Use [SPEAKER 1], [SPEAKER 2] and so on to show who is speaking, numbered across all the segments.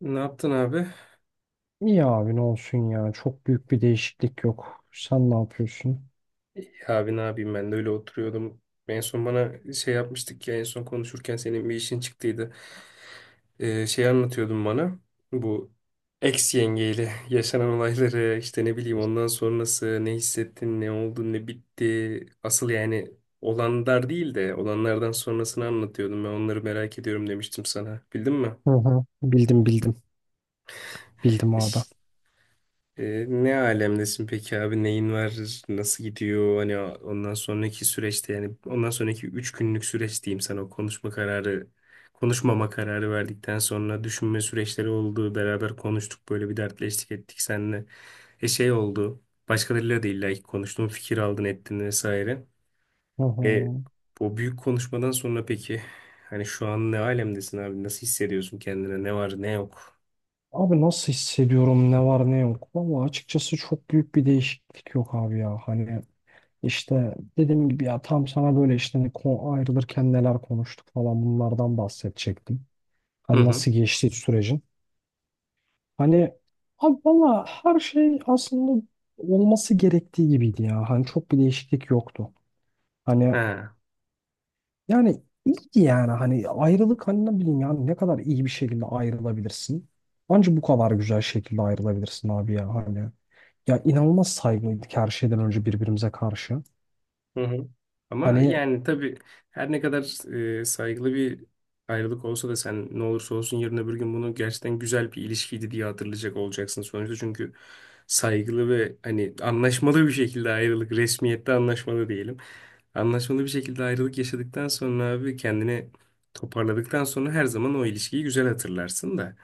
[SPEAKER 1] Ne yaptın abi?
[SPEAKER 2] İyi abi, ne olsun ya. Çok büyük bir değişiklik yok. Sen ne yapıyorsun?
[SPEAKER 1] İyi abi, ne yapayım, ben de öyle oturuyordum. En son bana şey yapmıştık ya, en son konuşurken senin bir işin çıktıydı. Şey anlatıyordun bana. Bu ex yengeyle yaşanan olayları, işte ne bileyim, ondan sonrası ne hissettin, ne oldu, ne bitti. Asıl yani olanlar değil de olanlardan sonrasını anlatıyordum. Ben onları merak ediyorum demiştim sana. Bildin mi?
[SPEAKER 2] Hı hı. Bildim bildim. Bildim abi.
[SPEAKER 1] Ne alemdesin peki abi? Neyin var? Nasıl gidiyor? Hani ondan sonraki süreçte, yani ondan sonraki 3 günlük süreç diyeyim sana, o konuşma kararı konuşmama kararı verdikten sonra düşünme süreçleri oldu. Beraber konuştuk, böyle bir dertleştik ettik seninle. Şey oldu. Başkalarıyla da illa ki konuştun, fikir aldın ettin vesaire.
[SPEAKER 2] Hı hı.
[SPEAKER 1] E O büyük konuşmadan sonra peki hani şu an ne alemdesin abi? Nasıl hissediyorsun kendine? Ne var ne yok?
[SPEAKER 2] Abi, nasıl hissediyorum ne var ne yok. Valla açıkçası çok büyük bir değişiklik yok abi ya. Hani işte dediğim gibi ya, tam sana böyle işte hani ayrılırken neler konuştuk falan, bunlardan bahsedecektim.
[SPEAKER 1] Hı
[SPEAKER 2] Hani
[SPEAKER 1] hı.
[SPEAKER 2] nasıl geçti sürecin. Hani abi valla her şey aslında olması gerektiği gibiydi ya. Hani çok bir değişiklik yoktu. Hani
[SPEAKER 1] Ha.
[SPEAKER 2] yani iyiydi yani, hani ayrılık, hani ne bileyim yani, ne kadar iyi bir şekilde ayrılabilirsin. Anca bu kadar güzel şekilde ayrılabilirsin abi ya hani. Ya inanılmaz saygılıydık her şeyden önce birbirimize karşı.
[SPEAKER 1] Hı hı. Ama
[SPEAKER 2] Hani
[SPEAKER 1] yani tabii, her ne kadar saygılı bir ayrılık olsa da sen ne olursa olsun yarın öbür gün bunu gerçekten güzel bir ilişkiydi diye hatırlayacak olacaksın sonuçta. Çünkü saygılı ve hani anlaşmalı bir şekilde ayrılık, resmiyette anlaşmalı diyelim. Anlaşmalı bir şekilde ayrılık yaşadıktan sonra abi, kendini toparladıktan sonra her zaman o ilişkiyi güzel hatırlarsın da.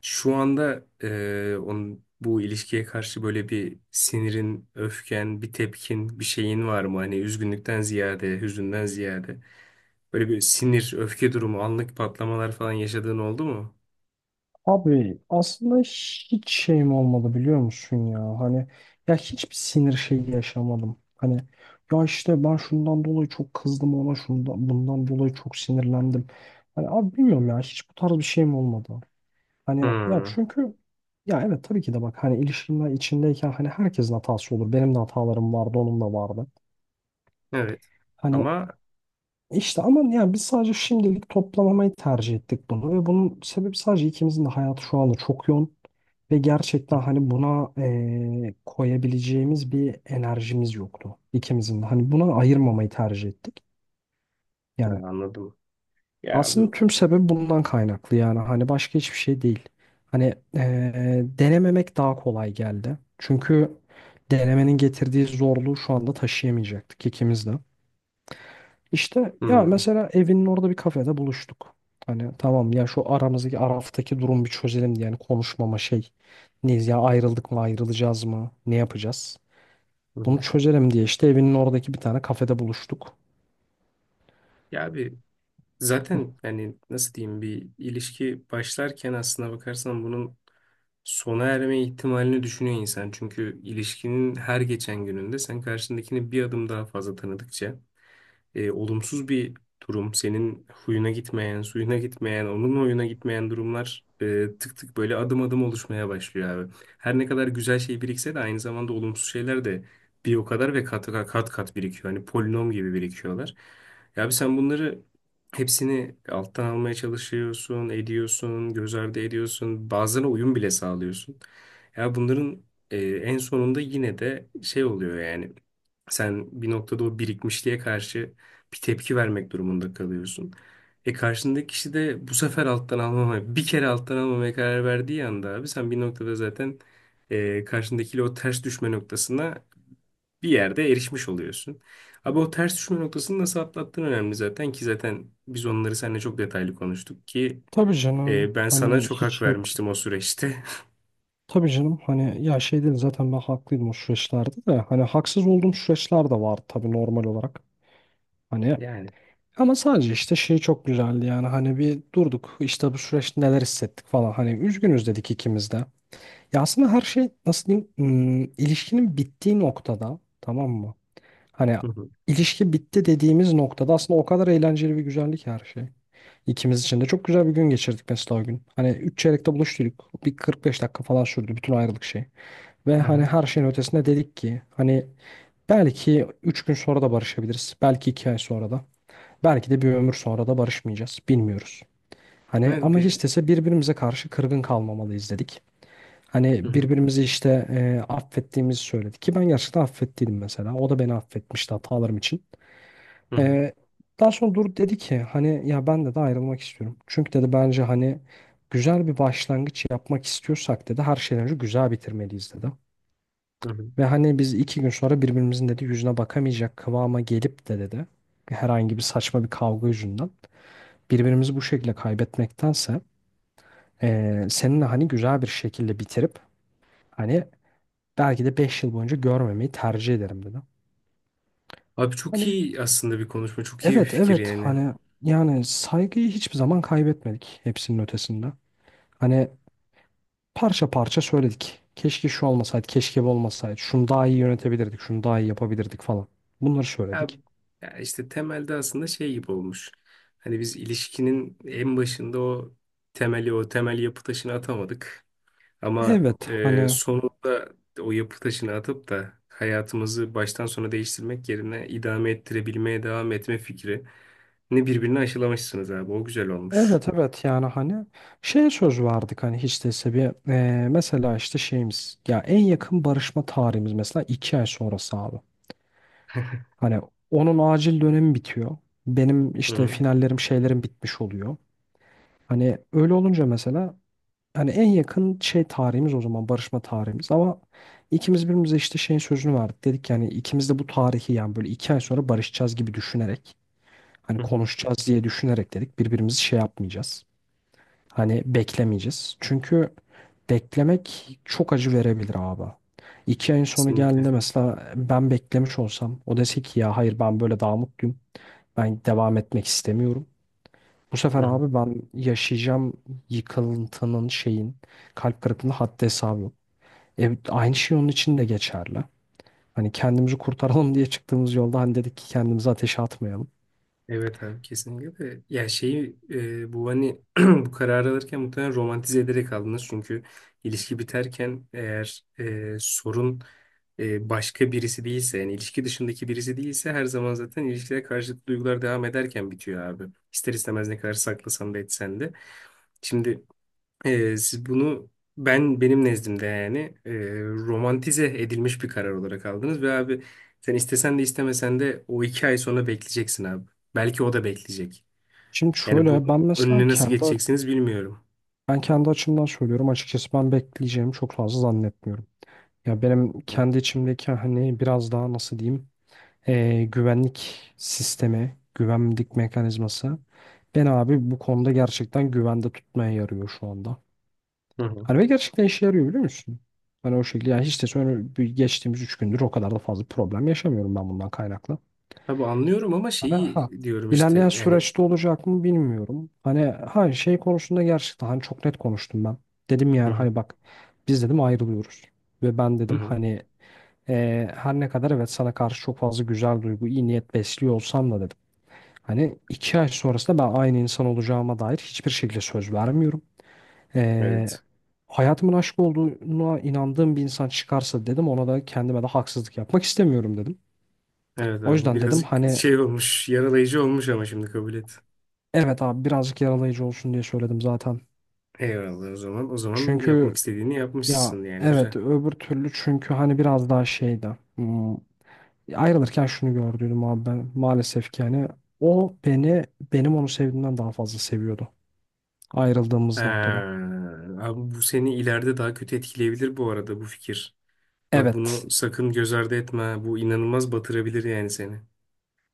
[SPEAKER 1] Şu anda onun, bu ilişkiye karşı böyle bir sinirin, öfken, bir tepkin, bir şeyin var mı? Hani üzgünlükten ziyade, hüzünden ziyade. Böyle bir sinir, öfke durumu, anlık patlamalar falan yaşadığın oldu mu?
[SPEAKER 2] abi, aslında hiç şeyim olmadı biliyor musun ya hani, ya hiçbir sinir şeyi yaşamadım. Hani ya işte, ben şundan dolayı çok kızdım ona, şundan bundan dolayı çok sinirlendim. Hani abi bilmiyorum ya, hiç bu tarz bir şeyim olmadı. Hani ya
[SPEAKER 1] Hmm,
[SPEAKER 2] çünkü ya evet, tabii ki de, bak hani, ilişkiler içindeyken hani herkesin hatası olur. Benim de hatalarım vardı, onun da vardı.
[SPEAKER 1] evet.
[SPEAKER 2] Hani
[SPEAKER 1] Ama
[SPEAKER 2] işte, ama yani biz sadece şimdilik toplamamayı tercih ettik bunu ve bunun sebebi sadece ikimizin de hayatı şu anda çok yoğun ve gerçekten hani buna koyabileceğimiz bir enerjimiz yoktu ikimizin de. Hani buna ayırmamayı tercih ettik.
[SPEAKER 1] Ha,
[SPEAKER 2] Yani
[SPEAKER 1] anladım. Ya
[SPEAKER 2] aslında
[SPEAKER 1] bu
[SPEAKER 2] tüm sebep bundan kaynaklı yani, hani başka hiçbir şey değil. Hani denememek daha kolay geldi. Çünkü denemenin getirdiği zorluğu şu anda taşıyamayacaktık ikimiz de. İşte ya,
[SPEAKER 1] Hmm,
[SPEAKER 2] mesela evinin orada bir kafede buluştuk. Hani tamam ya, şu aramızdaki araftaki durum bir çözelim diye yani, konuşmama şey, neyiz ya, ayrıldık mı, ayrılacağız mı, ne yapacağız? Bunu
[SPEAKER 1] hı.
[SPEAKER 2] çözelim diye işte evinin oradaki bir tane kafede buluştuk.
[SPEAKER 1] Ya bir zaten, yani nasıl diyeyim, bir ilişki başlarken aslına bakarsan bunun sona erme ihtimalini düşünüyor insan. Çünkü ilişkinin her geçen gününde sen karşındakini bir adım daha fazla tanıdıkça olumsuz bir durum, senin huyuna gitmeyen, suyuna gitmeyen, onun huyuna gitmeyen durumlar tık tık, böyle adım adım oluşmaya başlıyor abi. Her ne kadar güzel şey birikse de aynı zamanda olumsuz şeyler de bir o kadar ve kat kat kat birikiyor. Hani polinom gibi birikiyorlar. Ya abi, sen bunları hepsini alttan almaya çalışıyorsun, ediyorsun, göz ardı ediyorsun. Bazılarına uyum bile sağlıyorsun. Ya bunların en sonunda yine de şey oluyor yani. Sen bir noktada o birikmişliğe karşı bir tepki vermek durumunda kalıyorsun. E karşındaki kişi de bu sefer alttan almamaya, bir kere alttan almamaya karar verdiği anda abi, sen bir noktada zaten karşındakiyle o ters düşme noktasına bir yerde erişmiş oluyorsun. Abi, o ters düşme noktasını nasıl atlattığın önemli zaten, ki zaten biz onları seninle çok detaylı konuştuk ki
[SPEAKER 2] Tabii canım,
[SPEAKER 1] ben sana
[SPEAKER 2] hani
[SPEAKER 1] çok hak
[SPEAKER 2] hiç şey yok.
[SPEAKER 1] vermiştim o süreçte.
[SPEAKER 2] Tabii canım, hani ya şey değil, zaten ben haklıydım o süreçlerde de, hani haksız olduğum süreçler de vardı, tabii normal olarak. Hani
[SPEAKER 1] Yani.
[SPEAKER 2] ama sadece işte şey çok güzeldi yani, hani bir durduk işte, bu süreçte neler hissettik falan, hani üzgünüz dedik ikimiz de. Ya aslında her şey nasıl diyeyim, ilişkinin bittiği noktada, tamam mı? Hani
[SPEAKER 1] Hı hı.
[SPEAKER 2] ilişki bitti dediğimiz noktada aslında o kadar eğlenceli ve güzellik her şey. İkimiz için de çok güzel bir gün geçirdik mesela o gün. Hani üç çeyrekte buluştuk. Bir 45 dakika falan sürdü bütün ayrılık şeyi. Ve hani
[SPEAKER 1] Aha.
[SPEAKER 2] her şeyin ötesinde dedik ki hani belki 3 gün sonra da barışabiliriz. Belki 2 ay sonra da. Belki de bir ömür sonra da barışmayacağız. Bilmiyoruz. Hani
[SPEAKER 1] Ben
[SPEAKER 2] ama
[SPEAKER 1] bir...
[SPEAKER 2] hiç dese birbirimize karşı kırgın kalmamalıyız dedik.
[SPEAKER 1] Hı
[SPEAKER 2] Hani
[SPEAKER 1] hı.
[SPEAKER 2] birbirimizi işte affettiğimizi söyledik ki ben gerçekten affettiydim mesela. O da beni affetmişti hatalarım için.
[SPEAKER 1] Hı hı.
[SPEAKER 2] E, Daha sonra dur dedi ki, hani ya ben de de ayrılmak istiyorum. Çünkü dedi, bence hani güzel bir başlangıç yapmak istiyorsak dedi, her şeyden önce güzel bitirmeliyiz dedi.
[SPEAKER 1] Hı hı.
[SPEAKER 2] Ve hani biz 2 gün sonra birbirimizin dedi yüzüne bakamayacak kıvama gelip de dedi, herhangi bir saçma bir kavga yüzünden birbirimizi bu şekilde kaybetmektense seninle hani güzel bir şekilde bitirip hani belki de 5 yıl boyunca görmemeyi tercih ederim dedi.
[SPEAKER 1] Abi çok
[SPEAKER 2] Hani
[SPEAKER 1] iyi aslında bir konuşma, çok iyi bir
[SPEAKER 2] evet
[SPEAKER 1] fikir
[SPEAKER 2] evet,
[SPEAKER 1] yani.
[SPEAKER 2] hani yani saygıyı hiçbir zaman kaybetmedik hepsinin ötesinde. Hani parça parça söyledik. Keşke şu olmasaydı, keşke bu olmasaydı. Şunu daha iyi yönetebilirdik, şunu daha iyi yapabilirdik falan. Bunları
[SPEAKER 1] Ya,
[SPEAKER 2] söyledik.
[SPEAKER 1] ya, işte temelde aslında şey gibi olmuş. Hani biz ilişkinin en başında o temeli, o temel yapı taşını atamadık. Ama
[SPEAKER 2] Evet hani,
[SPEAKER 1] sonunda o yapı taşını atıp da hayatımızı baştan sona değiştirmek yerine idame ettirebilmeye devam etme fikrini birbirine aşılamışsınız abi. O güzel olmuş.
[SPEAKER 2] evet evet yani, hani şey söz verdik hani, hiç değilse bir, mesela işte şeyimiz ya, en yakın barışma tarihimiz mesela 2 ay sonrası abi. Hani onun acil dönemi bitiyor. Benim
[SPEAKER 1] Hı
[SPEAKER 2] işte
[SPEAKER 1] hı.
[SPEAKER 2] finallerim şeylerim bitmiş oluyor. Hani öyle olunca mesela, hani en yakın şey tarihimiz o zaman, barışma tarihimiz ama ikimiz birbirimize işte şeyin sözünü verdik. Dedik yani, ikimiz de bu tarihi yani böyle 2 ay sonra barışacağız gibi düşünerek, hani
[SPEAKER 1] Hı hı.
[SPEAKER 2] konuşacağız diye düşünerek dedik, birbirimizi şey yapmayacağız. Hani beklemeyeceğiz. Çünkü beklemek çok acı verebilir abi. 2 ayın sonu
[SPEAKER 1] Kesinlikle.
[SPEAKER 2] geldiğinde mesela ben beklemiş olsam, o dese ki ya hayır ben böyle daha mutluyum. Ben devam etmek istemiyorum. Bu
[SPEAKER 1] Hı
[SPEAKER 2] sefer
[SPEAKER 1] hı.
[SPEAKER 2] abi ben yaşayacağım yıkıntının, şeyin, kalp kırıklığının haddi hesabı yok. Aynı şey onun için de geçerli. Hani kendimizi kurtaralım diye çıktığımız yolda hani dedik ki kendimizi ateşe atmayalım.
[SPEAKER 1] Evet abi, kesinlikle de. Ya şeyi, bu hani bu kararı alırken muhtemelen romantize ederek aldınız, çünkü ilişki biterken eğer sorun başka birisi değilse, yani ilişki dışındaki birisi değilse, her zaman zaten ilişkiler karşıtı duygular devam ederken bitiyor abi. İster istemez, ne kadar saklasan da etsen de. Şimdi siz bunu, benim nezdimde yani e, romantize edilmiş bir karar olarak aldınız ve abi, sen istesen de istemesen de o 2 ay sonra bekleyeceksin abi. Belki o da bekleyecek.
[SPEAKER 2] Şimdi
[SPEAKER 1] Yani bu,
[SPEAKER 2] şöyle ben mesela
[SPEAKER 1] önüne nasıl
[SPEAKER 2] kendi,
[SPEAKER 1] geçeceksiniz bilmiyorum.
[SPEAKER 2] ben kendi açımdan söylüyorum, açıkçası ben bekleyeceğimi çok fazla zannetmiyorum. Ya benim
[SPEAKER 1] Hı
[SPEAKER 2] kendi içimdeki hani biraz daha nasıl diyeyim, güvenlik sistemi, güvenlik mekanizması beni abi bu konuda gerçekten güvende tutmaya yarıyor şu anda.
[SPEAKER 1] hı. Hı.
[SPEAKER 2] Hani ve gerçekten işe yarıyor biliyor musun? Hani o şekilde yani, hiç de sonra, bir geçtiğimiz 3 gündür o kadar da fazla problem yaşamıyorum ben bundan kaynaklı.
[SPEAKER 1] Abi anlıyorum, ama
[SPEAKER 2] Hani
[SPEAKER 1] şeyi
[SPEAKER 2] ha,
[SPEAKER 1] diyorum
[SPEAKER 2] ilerleyen
[SPEAKER 1] işte yani.
[SPEAKER 2] süreçte olacak mı bilmiyorum. Hani ha şey konusunda gerçekten hani çok net konuştum ben. Dedim
[SPEAKER 1] Hı
[SPEAKER 2] yani,
[SPEAKER 1] hı.
[SPEAKER 2] hani bak biz dedim ayrılıyoruz. Ve ben
[SPEAKER 1] Hı
[SPEAKER 2] dedim
[SPEAKER 1] hı.
[SPEAKER 2] hani, her ne kadar evet sana karşı çok fazla güzel duygu, iyi niyet besliyor olsam da dedim. Hani 2 ay sonrasında ben aynı insan olacağıma dair hiçbir şekilde söz vermiyorum. Ee,
[SPEAKER 1] Evet.
[SPEAKER 2] Hayatımın aşk olduğuna inandığım bir insan çıkarsa dedim, ona da kendime de haksızlık yapmak istemiyorum dedim.
[SPEAKER 1] Evet
[SPEAKER 2] O
[SPEAKER 1] abi, bu
[SPEAKER 2] yüzden dedim
[SPEAKER 1] birazcık
[SPEAKER 2] hani,
[SPEAKER 1] şey olmuş, yaralayıcı olmuş, ama şimdi kabul et.
[SPEAKER 2] evet abi birazcık yaralayıcı olsun diye söyledim zaten.
[SPEAKER 1] Eyvallah o zaman. O zaman yapmak
[SPEAKER 2] Çünkü
[SPEAKER 1] istediğini
[SPEAKER 2] ya
[SPEAKER 1] yapmışsın yani, güzel.
[SPEAKER 2] evet, öbür türlü çünkü hani biraz daha şeydi. Ayrılırken şunu gördüydüm abi, ben maalesef ki yani, o beni, benim onu sevdiğimden daha fazla seviyordu ayrıldığımız noktada.
[SPEAKER 1] Ee, Abi, bu seni ileride daha kötü etkileyebilir bu arada, bu fikir. Bak,
[SPEAKER 2] Evet.
[SPEAKER 1] bunu sakın göz ardı etme. Bu inanılmaz batırabilir yani seni.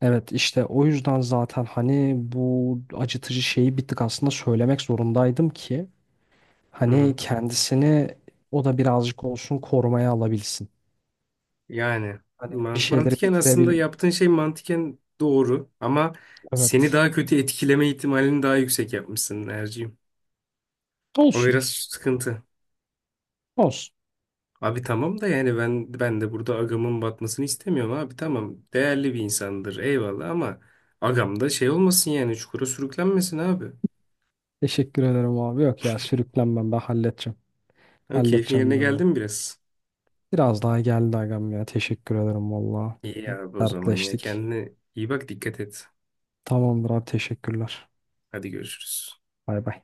[SPEAKER 2] Evet işte o yüzden zaten hani bu acıtıcı şeyi bir tık aslında söylemek zorundaydım ki
[SPEAKER 1] Hı
[SPEAKER 2] hani
[SPEAKER 1] hı.
[SPEAKER 2] kendisini, o da birazcık olsun korumaya alabilsin.
[SPEAKER 1] Yani
[SPEAKER 2] Hani bir şeyleri
[SPEAKER 1] mantıken aslında
[SPEAKER 2] bitirebil.
[SPEAKER 1] yaptığın şey mantıken doğru, ama seni
[SPEAKER 2] Evet.
[SPEAKER 1] daha kötü etkileme ihtimalini daha yüksek yapmışsın Erciğim. O
[SPEAKER 2] Olsun.
[SPEAKER 1] biraz sıkıntı.
[SPEAKER 2] Olsun.
[SPEAKER 1] Abi tamam da, yani ben de burada agamın batmasını istemiyorum abi, tamam. Değerli bir insandır, eyvallah, ama agam da şey olmasın, yani çukura sürüklenmesin abi.
[SPEAKER 2] Teşekkür ederim abi. Yok ya, sürüklenmem, ben halledeceğim.
[SPEAKER 1] Ama keyfin
[SPEAKER 2] Halledeceğim
[SPEAKER 1] yerine
[SPEAKER 2] ben
[SPEAKER 1] geldi
[SPEAKER 2] onu.
[SPEAKER 1] mi biraz?
[SPEAKER 2] Biraz daha geldi agam ya. Teşekkür ederim valla.
[SPEAKER 1] İyi abi o zaman ya.
[SPEAKER 2] Dertleştik.
[SPEAKER 1] Kendine iyi bak, dikkat et.
[SPEAKER 2] Tamamdır abi, teşekkürler.
[SPEAKER 1] Hadi görüşürüz.
[SPEAKER 2] Bay bay.